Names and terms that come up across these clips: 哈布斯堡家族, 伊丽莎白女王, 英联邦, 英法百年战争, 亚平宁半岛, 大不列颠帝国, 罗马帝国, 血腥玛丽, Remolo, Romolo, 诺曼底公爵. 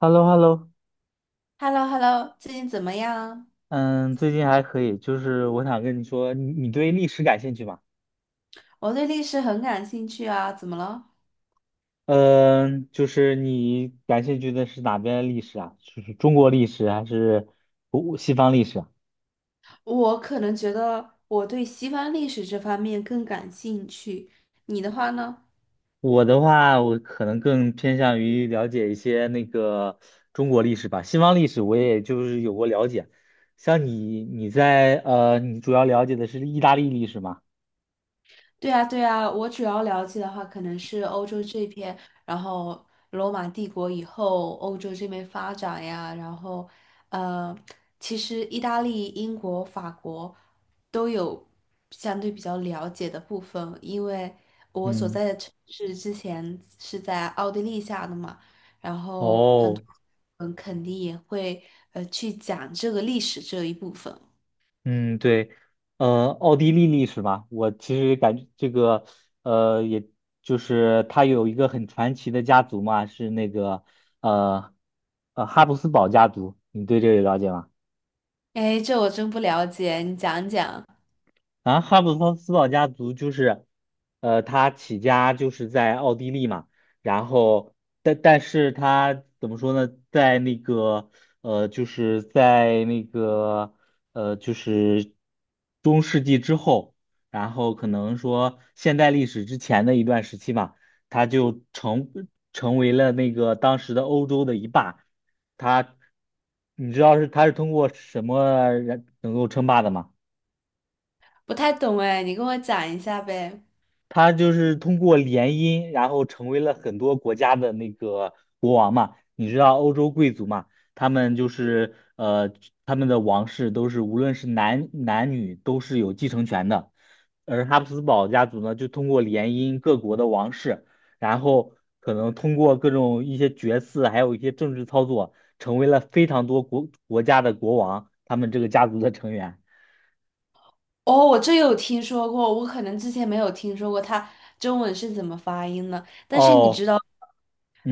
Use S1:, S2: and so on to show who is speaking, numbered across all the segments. S1: h e l l o h e l l o
S2: h e l l o h e l l o 最近怎么样？
S1: 嗯，最近还可以，就是我想跟你说，你对历史感兴趣吗？
S2: 我对历史很感兴趣啊，怎么了？
S1: 嗯，就是你感兴趣的是哪边的历史啊？就是中国历史还是古西方历史啊？
S2: 我可能觉得我对西方历史这方面更感兴趣，你的话呢？
S1: 我的话，我可能更偏向于了解一些那个中国历史吧，西方历史我也就是有过了解。像你，你在呃，你主要了解的是意大利历史吗？
S2: 对啊，对啊，我主要了解的话，可能是欧洲这边，然后罗马帝国以后欧洲这边发展呀，然后呃，其实意大利、英国、法国都有相对比较了解的部分，因为我所
S1: 嗯，
S2: 在的城市之前是在奥地利下的嘛，然后很
S1: 哦，
S2: 多人肯定也会去讲这个历史这一部分。
S1: 嗯，对。奥地利历史嘛，我其实感觉这个，也就是他有一个很传奇的家族嘛，是那个，呃，哈布斯堡家族，你对这个了解吗？
S2: 哎，这我真不了解，你讲讲。
S1: 啊，哈布斯斯堡家族就是，他起家就是在奥地利嘛，然后但是他怎么说呢，在那个就是在那个就是中世纪之后，然后可能说现代历史之前的一段时期嘛，他就成为了那个当时的欧洲的一霸，他，你知道他是通过什么人能够称霸的吗？
S2: 不太懂哎，你跟我讲一下呗。
S1: 他就是通过联姻，然后成为了很多国家的那个国王嘛。你知道欧洲贵族嘛，他们就是他们的王室都是无论是男女都是有继承权的，而哈布斯堡家族呢，就通过联姻各国的王室，然后可能通过各种一些决策，还有一些政治操作，成为了非常多国家的国王，他们这个家族的成员。
S2: 哦，我这有听说过，我可能之前没有听说过它中文是怎么发音的。但是你知
S1: 哦，
S2: 道，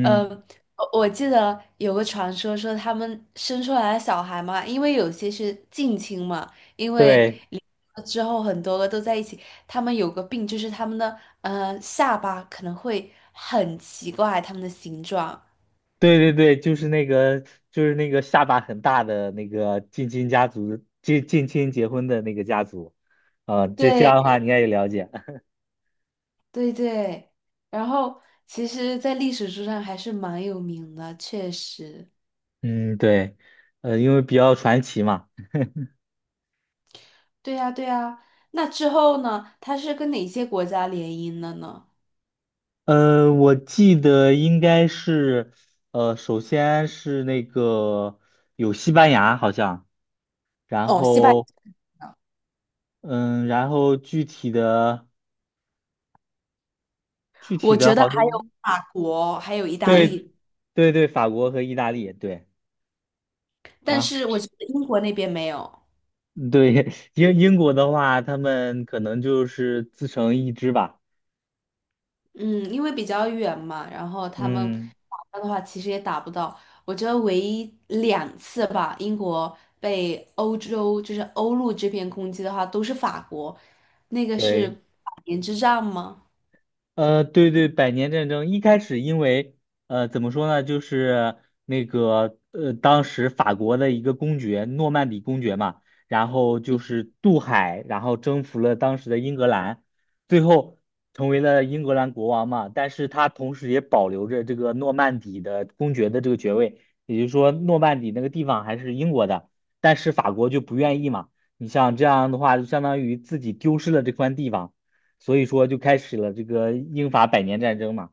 S2: 呃，我记得有个传说说他们生出来的小孩嘛，因为有些是近亲嘛，因为
S1: 对。
S2: 离了之后很多个都在一起，他们有个病就是他们的下巴可能会很奇怪，他们的形状。
S1: 对对对，就是那个，就是那个下巴很大的那个近亲家族，近亲结婚的那个家族，这样
S2: 对，
S1: 的话你应该也了解。
S2: 对对，然后其实，在历史书上还是蛮有名的，确实。
S1: 嗯，对，因为比较传奇嘛。
S2: 对呀，对呀。那之后呢？它是跟哪些国家联姻的呢？
S1: 我记得应该是，首先是那个有西班牙好像，然
S2: 哦，西班
S1: 后，
S2: 牙，
S1: 嗯，然后具体的具体
S2: 我
S1: 的
S2: 觉得
S1: 好
S2: 还
S1: 像，
S2: 有法国，还有意大
S1: 对
S2: 利，
S1: 对对，法国和意大利，对。
S2: 但
S1: 然后。
S2: 是我觉得英国那边没有。
S1: 对，英国的话，他们可能就是自成一支吧。
S2: 嗯，因为比较远嘛，然后他们
S1: 嗯，
S2: 打的话，其实也打不到。我觉得唯一两次吧，英国被欧洲就是欧陆这边攻击的话，都是法国，那个是
S1: 对。
S2: 百年之战吗？
S1: 对对，百年战争一开始，因为怎么说呢，就是那个当时法国的一个公爵，诺曼底公爵嘛，然后就是渡海，然后征服了当时的英格兰，最后成为了英格兰国王嘛。但是他同时也保留着这个诺曼底的公爵的这个爵位，也就是说，诺曼底那个地方还是英国的，但是法国就不愿意嘛。你像这样的话，就相当于自己丢失了这块地方。所以说就开始了这个英法百年战争嘛。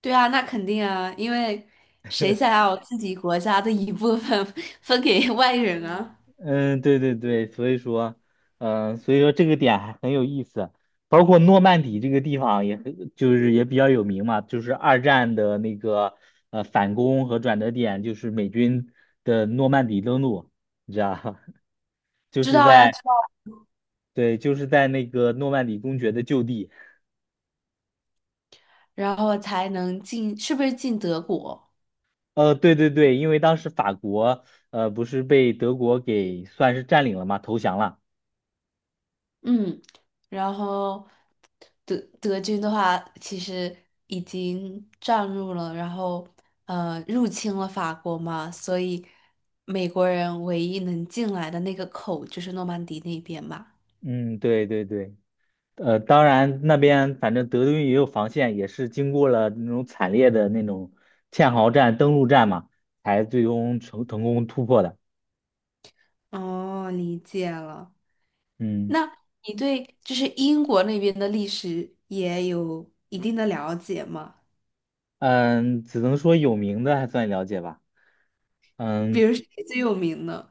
S2: 对啊，那肯定啊，因为谁想要自己国家的一部分 分给外人啊？
S1: 嗯，对对对，所以说这个点还很有意思。包括诺曼底这个地方也很，就是也比较有名嘛，就是二战的那个反攻和转折点，就是美军的诺曼底登陆，你知道吧，就
S2: 知
S1: 是
S2: 道呀，
S1: 在
S2: 知道，
S1: 对，就是在那个诺曼底公爵的旧地。
S2: 然后才能进，是不是进德国？
S1: 对对对，因为当时法国不是被德国给算是占领了嘛，投降了。
S2: 嗯，然后德军的话，其实已经占入了，然后入侵了法国嘛，所以美国人唯一能进来的那个口就是诺曼底那边嘛。
S1: 嗯，对对对。当然那边反正德军也有防线，也是经过了那种惨烈的那种堑壕战、登陆战嘛，才最终成功突破的。
S2: 哦，理解了。
S1: 嗯
S2: 那你对就是英国那边的历史也有一定的了解吗？
S1: 嗯，只能说有名的还算了解吧。
S2: 比
S1: 嗯
S2: 如谁最有名呢？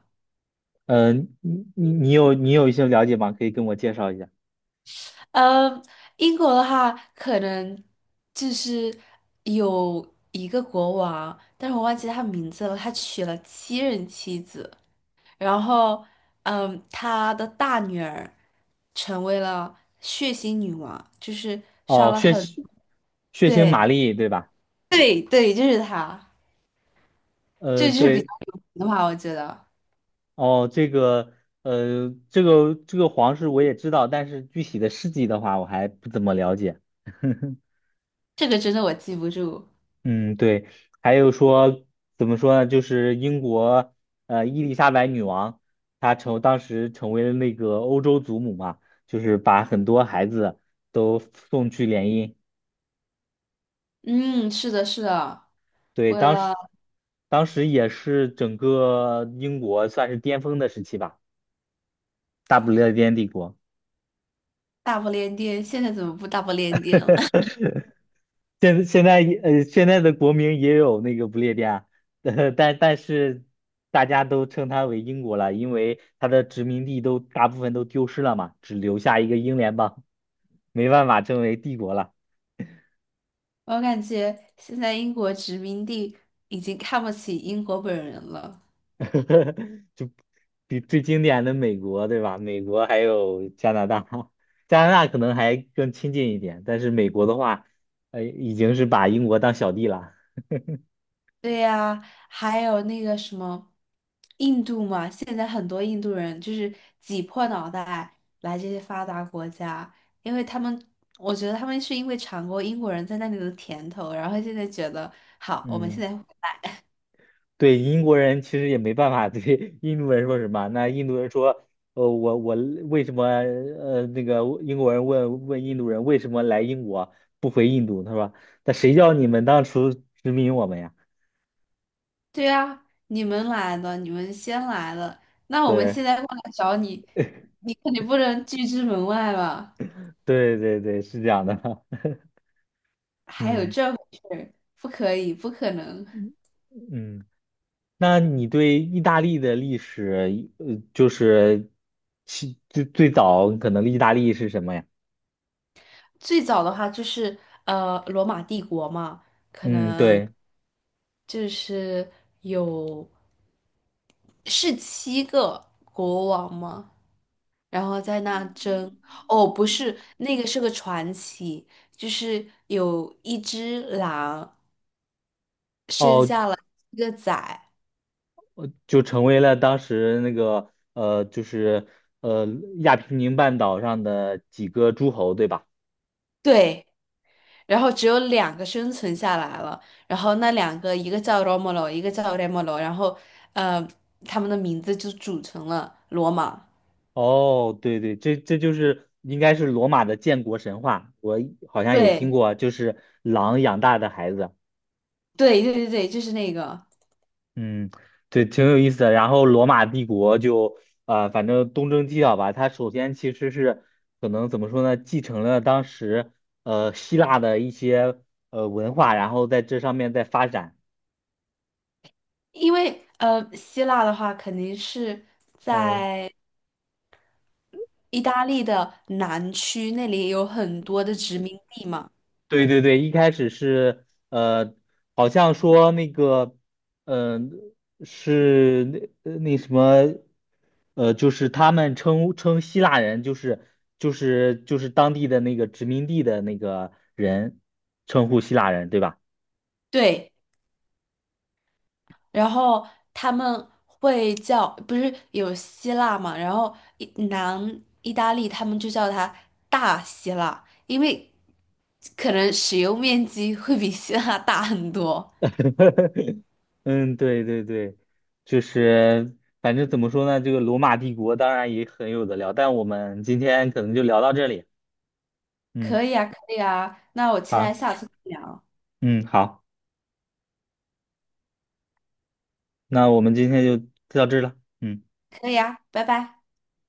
S1: 嗯，你有一些了解吗？可以跟我介绍一下。
S2: 嗯，英国的话，可能就是有一个国王，但是我忘记他名字了。他娶了七任妻子，然后，嗯，他的大女儿成为了血腥女王，就是杀
S1: 哦，
S2: 了
S1: 血
S2: 很，
S1: 腥血腥
S2: 对，
S1: 玛丽对吧？
S2: 对，对，就是他，这就是比
S1: 对，
S2: 较有名的话。我觉得
S1: 哦，这个这个皇室我也知道，但是具体的事迹的话，我还不怎么了解。
S2: 这个真的我记不住。
S1: 嗯，对，还有说怎么说呢？就是英国伊丽莎白女王，她当时成为了那个欧洲祖母嘛，就是把很多孩子都送去联姻。
S2: 嗯，是的，是的，
S1: 对，
S2: 为
S1: 当
S2: 了
S1: 时当时也是整个英国算是巅峰的时期吧，大不列颠帝国。
S2: 大不列颠，现在怎么不大不列颠了？
S1: 现在的国名也有那个不列颠，但是大家都称它为英国了，因为它的殖民地都大部分都丢失了嘛，只留下一个英联邦，没办法称为帝国了。
S2: 我感觉现在英国殖民地已经看不起英国本人了。
S1: 就比最经典的美国，对吧？美国还有加拿大，加拿大可能还更亲近一点，但是美国的话，已经是把英国当小弟了。
S2: 对呀，还有那个什么印度嘛，现在很多印度人就是挤破脑袋来这些发达国家，因为他们，我觉得他们是因为尝过英国人在那里的甜头，然后现在觉得好，我们现
S1: 嗯。
S2: 在，
S1: 对英国人其实也没办法对 印度人说什么。那印度人说，我我为什么呃那个英国人问印度人为什么来英国不回印度？他说，那谁叫你们当初殖民我们呀？
S2: 对呀，你们来了，你们先来了，那我们现
S1: 对
S2: 在过来找你，你肯定不能拒之门外吧？
S1: 对对对，是这样的。
S2: 还有
S1: 嗯
S2: 这回事儿不可以，不可能。
S1: 嗯，嗯那你对意大利的历史，就是其最早可能意大利是什么呀？
S2: 最早的话就是罗马帝国嘛，
S1: 嗯，对。
S2: 就是有是七个国王嘛，然后在那争。哦，不是，那个是个传奇，就是有一只狼生
S1: 哦。
S2: 下了一个崽，
S1: 就成为了当时那个就是呃亚平宁半岛上的几个诸侯，对吧？
S2: 对。然后只有两个生存下来了，然后那两个一个叫 Romolo，一个叫 Remolo，然后呃，他们的名字就组成了罗马。
S1: 哦，对对，这就是应该是罗马的建国神话，我好像也听
S2: 对，
S1: 过，就是狼养大的孩子。
S2: 对，对，对，对，就是那个，
S1: 嗯，对，挺有意思的。然后罗马帝国就反正东征西讨吧，它首先其实是可能怎么说呢，继承了当时希腊的一些文化，然后在这上面再发展。
S2: 因为希腊的话肯定是
S1: 嗯，
S2: 在意大利的南区，那里有很多的殖民地嘛。
S1: 对对对，一开始是好像说那个，嗯、是那呃那什么，呃，就是他们称希腊人，就是当地的那个殖民地的那个人，称呼希腊人，对吧？
S2: 对，然后他们会叫，不是有希腊嘛，然后南意大利他们就叫它大希腊，因为可能使用面积会比希腊大很多。
S1: 嗯，对对对，就是反正怎么说呢，这个罗马帝国当然也很有的聊，但我们今天可能就聊到这里。嗯，
S2: 可以啊，可以啊，那我期
S1: 好，
S2: 待下次再聊。
S1: 嗯，好。那我们今天就到这儿了，嗯。
S2: 可以啊，拜拜。